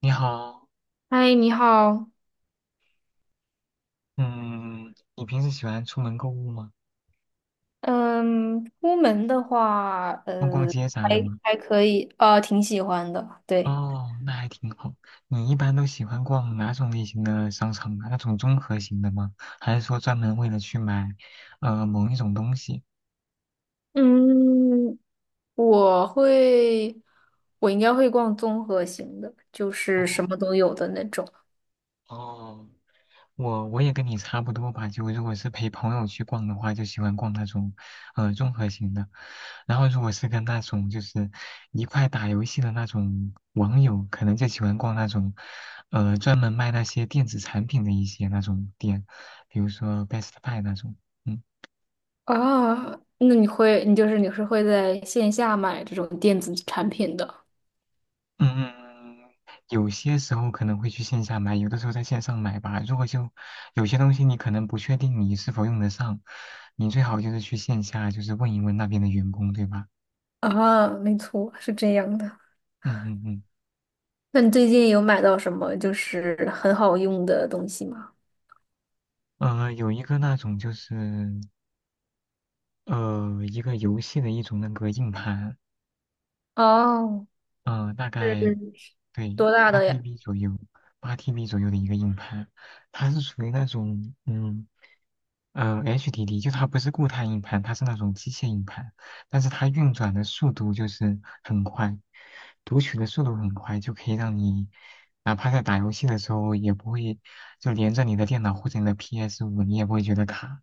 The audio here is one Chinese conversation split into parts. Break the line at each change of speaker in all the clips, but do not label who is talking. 你好。
嗨，你好。
嗯，你平时喜欢出门购物吗？
嗯，出门的话，
逛逛街啥的
还
吗？
还可以，挺喜欢的。对，
哦，那还挺好。你一般都喜欢逛哪种类型的商场啊？那种综合型的吗？还是说专门为了去买，某一种东西？
嗯，我会，我应该会逛综合型的，就是什
哦
么都有的那种。
哦，我也跟你差不多吧，就如果是陪朋友去逛的话，就喜欢逛那种综合型的，然后如果是跟那种就是一块打游戏的那种网友，可能就喜欢逛那种专门卖那些电子产品的一些那种店，比如说 Best Buy 那种。嗯
啊，那你会，你是会在线下买这种电子产品的
嗯嗯，有些时候可能会去线下买，有的时候在线上买吧。如果就有些东西你可能不确定你是否用得上，你最好就是去线下就是问一问那边的员工，对吧？
啊？没错，是这样的。
嗯嗯嗯，
那你最近有买到什么就是很好用的东西吗？
有一个那种就是一个游戏的一种那个硬盘，
哦，
呃，大概
是
对
多大
八
的呀？
TB 左右，八 TB 左右的一个硬盘，它是属于那种HDD,就它不是固态硬盘，它是那种机械硬盘，但是它运转的速度就是很快，读取的速度很快，就可以让你哪怕在打游戏的时候也不会就连着你的电脑或者你的 PS5，你也不会觉得卡。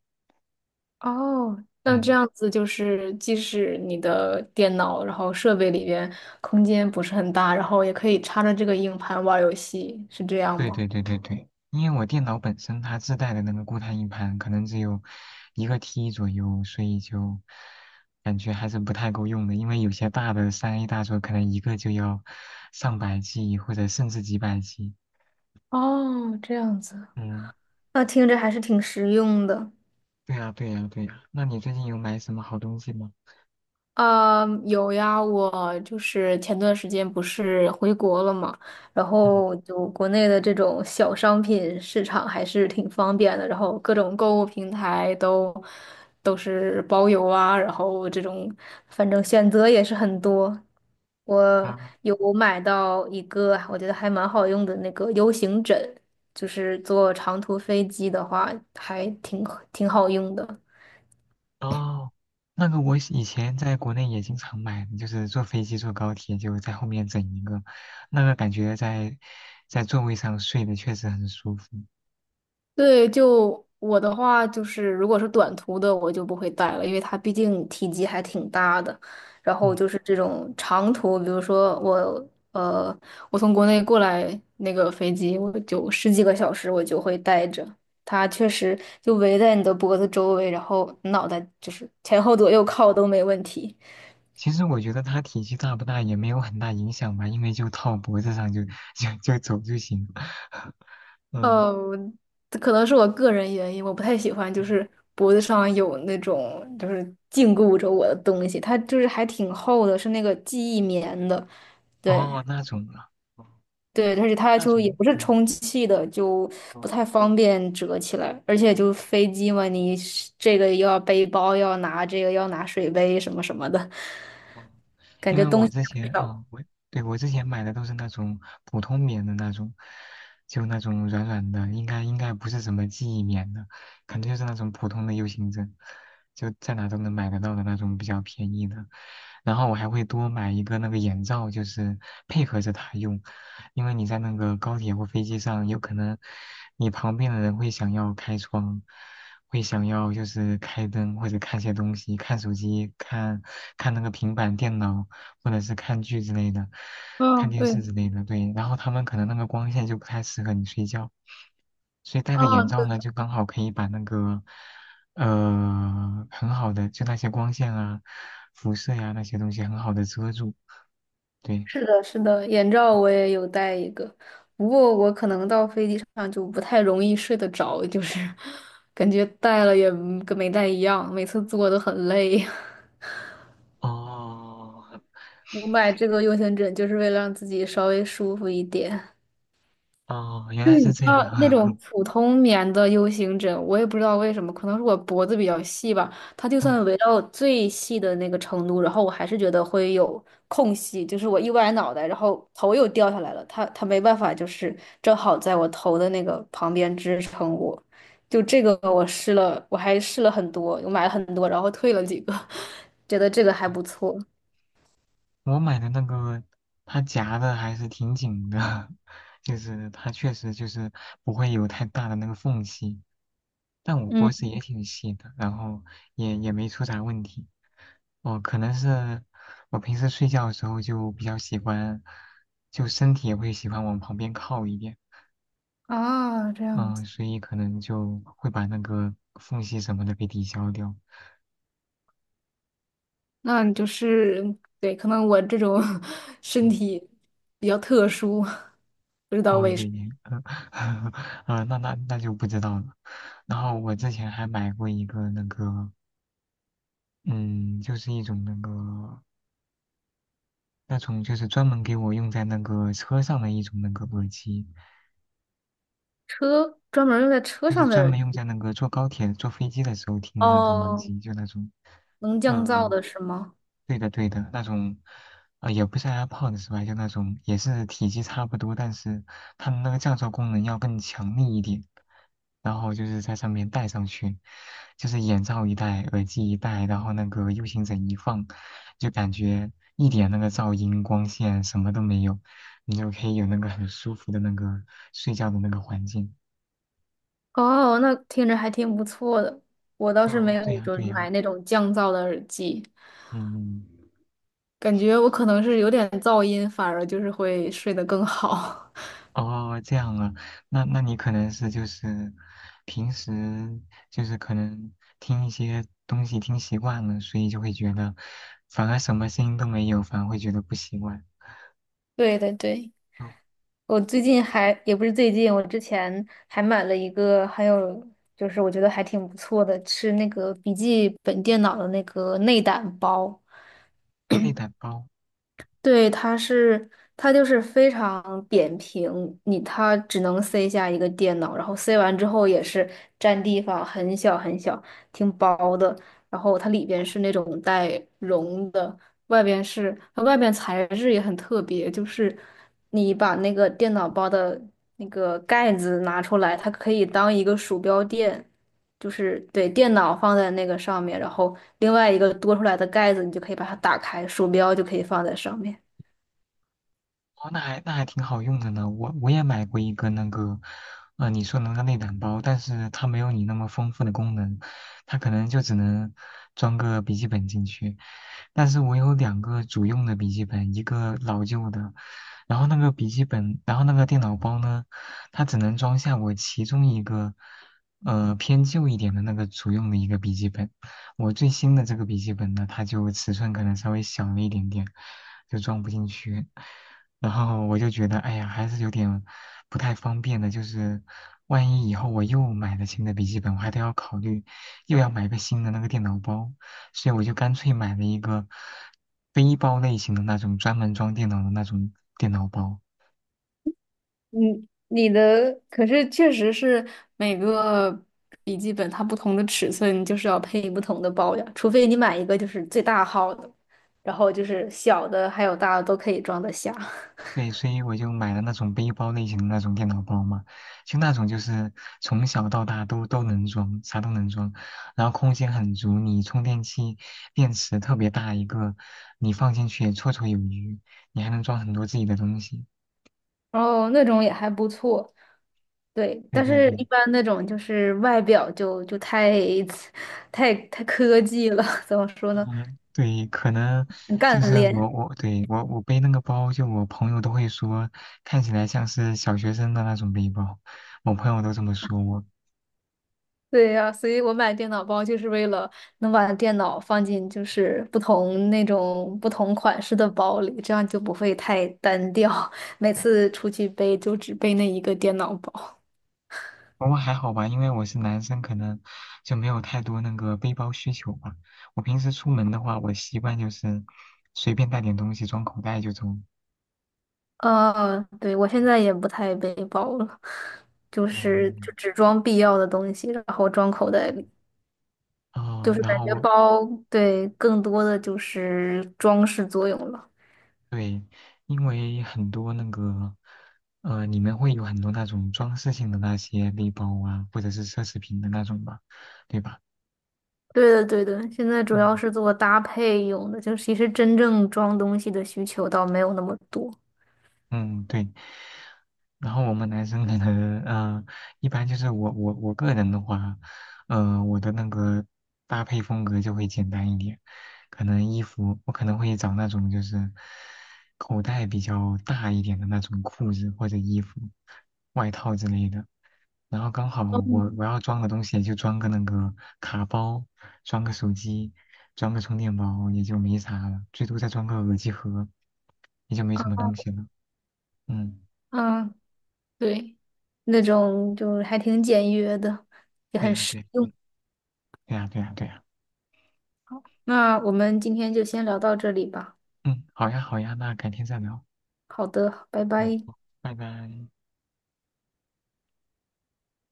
哦，那这
嗯。
样子就是，即使你的电脑，然后设备里边空间不是很大，然后也可以插着这个硬盘玩儿游戏，是这样
对
吗？
对对对对，因为我电脑本身它自带的那个固态硬盘可能只有一个 T 左右，所以就感觉还是不太够用的。因为有些大的三 A 大作可能一个就要上百 G 或者甚至几百 G。
哦，这样子，
嗯，
那听着还是挺实用的。
对呀对呀对呀。那你最近有买什么好东西吗？
啊，有呀，我就是前段时间不是回国了嘛，然
嗯
后就国内的这种小商品市场还是挺方便的，然后各种购物平台都是包邮啊，然后这种反正选择也是很多。我
啊
有买到一个我觉得还蛮好用的那个 U 型枕，就是坐长途飞机的话挺好用的。
哦，那个我以前在国内也经常买，就是坐飞机坐高铁就在后面整一个，那个感觉在在座位上睡的确实很舒服。
对，就我的话，就是如果是短途的，我就不会带了，因为它毕竟体积还挺大的。然后
嗯，
就是这种长途，比如说呃，我从国内过来那个飞机，我就十几个小时，我就会带着它，确实就围在你的脖子周围，然后脑袋就是前后左右靠都没问题。
其实我觉得它体积大不大也没有很大影响吧，因为就套脖子上就 就走就行。嗯，
哦，这可能是我个人原因，我不太喜欢，就是脖子上有那种就是禁锢着我的东西，它就是还挺厚的，是那个记忆棉的，对
哦，那种啊，哦
对，而且它
那
就也
种，
不是
嗯，
充气的，就不
哦
太方便折起来，而且就飞机嘛，你是这个又要背包，又要拿这个，又要拿水杯什么什么的，
哦，
感
因
觉
为
东
我
西
之
也
前啊、
不少。
对我之前买的都是那种普通棉的那种，就那种软软的，应该不是什么记忆棉的，肯定就是那种普通的 U 型枕，就在哪都能买得到的那种比较便宜的。然后我还会多买一个那个眼罩，就是配合着它用，因为你在那个高铁或飞机上，有可能你旁边的人会想要开窗，会想要就是开灯或者看些东西，看手机，看那个平板电脑，或者是看剧之类的，看
嗯，
电
对，
视之类的。对，然后他们可能那个光线就不太适合你睡觉，所以戴个
啊，
眼罩
对
呢，就刚好可以把那个很好的就那些光线啊、辐射呀、那些东西很好的遮住。对，
是的，是的，眼罩我也有戴一个，不过我可能到飞机上就不太容易睡得着，就是 感觉戴了也嗯跟没戴一样，每次坐都很累。
哦
我买这个 U 型枕就是为了让自己稍微舒服一点。
哦，原来是这样，
啊，那
啊。
种普通棉的 U 型枕，我也不知道为什么，可能是我脖子比较细吧。它就算围 到最细的那个程度，然后我还是觉得会有空隙，就是我一歪脑袋，然后头又掉下来了。它没办法，就是正好在我头的那个旁边支撑我。就这个我试了，我还试了很多，我买了很多，然后退了几个，觉得这个还
嗯。
不错。
我买的那个，它夹的还是挺紧的，就是它确实就是不会有太大的那个缝隙。但我脖
嗯，
子也挺细的，然后也也没出啥问题。哦，可能是我平时睡觉的时候就比较喜欢，就身体也会喜欢往旁边靠一点，
啊，这样
嗯，
子。
所以可能就会把那个缝隙什么的给抵消掉。
那你就是，对，可能我这种 身
嗯。
体比较特殊，不知道
哦，
为什
也
么。
也，呃，呃那那那就不知道了。然后我之前还买过一个那个，嗯，就是一种那个那种就是专门给我用在那个车上的一种那个耳机，
车专门用在车
就是
上的
专
耳
门
机，
用在那个坐高铁、坐飞机的时候听的那种耳
哦，
机，就那种，
能降噪
嗯、
的是吗？
对的对的，那种，呃，也不是 AirPods 是吧？就那种也是体积差不多，但是它们那个降噪功能要更强力一点。然后就是在上面戴上去，就是眼罩一戴，耳机一戴，然后那个 U 型枕一放，就感觉一点那个噪音、光线什么都没有，你就可以有那个很舒服的那个睡觉的那个环境。
哦，那听着还挺不错的。我倒是没
哦，对
有
呀，
说
对呀，
买那种降噪的耳机。
嗯，
感觉我可能是有点噪音，反而就是会睡得更好。
哦，这样啊，那那你可能是就是平时就是可能听一些东西听习惯了，所以就会觉得反而什么声音都没有，反而会觉得不习惯。
对对对，
哦，
我最近还也不是最近，我之前还买了一个，还有就是我觉得还挺不错的，是那个笔记本电脑的那个内胆包。
内胆包，
对，它就是非常扁平，它只能塞下一个电脑，然后塞完之后也是占地方很小很小，挺薄的。然后它里边是那种带绒的，外边是它外边材质也很特别，就是你把那个电脑包的那个盖子拿出来，它可以当一个鼠标垫，就是对电脑放在那个上面，然后另外一个多出来的盖子，你就可以把它打开，鼠标就可以放在上面。
哦，那还那还挺好用的呢。我也买过一个那个，呃，你说的那个内胆包，但是它没有你那么丰富的功能，它可能就只能装个笔记本进去。但是我有两个主用的笔记本，一个老旧的，然后那个笔记本，然后那个电脑包呢，它只能装下我其中一个，呃，偏旧一点的那个主用的一个笔记本。我最新的这个笔记本呢，它就尺寸可能稍微小了一点点，就装不进去。然后我就觉得，哎呀，还是有点不太方便的，就是万一以后我又买了新的笔记本，我还得要考虑又要买个新的那个电脑包，所以我就干脆买了一个背包类型的那种专门装电脑的那种电脑包。
嗯，你的可是确实是每个笔记本它不同的尺寸就是要配不同的包呀，除非你买一个就是最大号的，然后就是小的还有大的都可以装得下，
对，所以我就买了那种背包类型的那种电脑包嘛，就那种就是从小到大都能装，啥都能装，然后空间很足，你充电器、电池特别大一个，你放进去也绰绰有余，你还能装很多自己的东西。
然后那种也还不错。对，
对
但
对
是一
对，
般那种就是外表就太 太科技了，怎么说呢？
嗯，对，可能
很干
就是
练。
我对我背那个包，就我朋友都会说看起来像是小学生的那种背包，我朋友都这么说我，
对呀，所以我买电脑包就是为了能把电脑放进不同那种不同款式的包里，这样就不会太单调，每次出去背就只背那一个电脑包。
不过还好吧，因为我是男生，可能就没有太多那个背包需求吧。我平时出门的话，我习惯就是随便带点东西装口袋就走。
呃，对，我现在也不太背包了，就是
嗯，
就只装必要的东西，然后装口袋里，就是
然
感
后
觉包，对，更多的就是装饰作用了。
对，因为很多那个，呃，你们会有很多那种装饰性的那些背包啊，或者是奢侈品的那种吧，对吧？
对的，对的，现在主要
嗯。
是做搭配用的，就其实真正装东西的需求倒没有那么多。
嗯，对。然后我们男生可能，嗯，一般就是我我个人的话，呃，我的那个搭配风格就会简单一点，可能衣服我可能会找那种就是口袋比较大一点的那种裤子或者衣服、外套之类的。然后刚好我要装的东西也就装个那个卡包，装个手机，装个充电宝也就没啥了，最多再装个耳机盒，也就没什么东西了。嗯。
嗯，对，那种就是还挺简约的，也
对
很
呀，
实
对呀，
用。
对，对呀，对呀，对呀。
那我们今天就先聊到这里吧。
嗯，好呀，好呀，那改天再聊。
好的，拜
嗯，
拜。
好拜拜。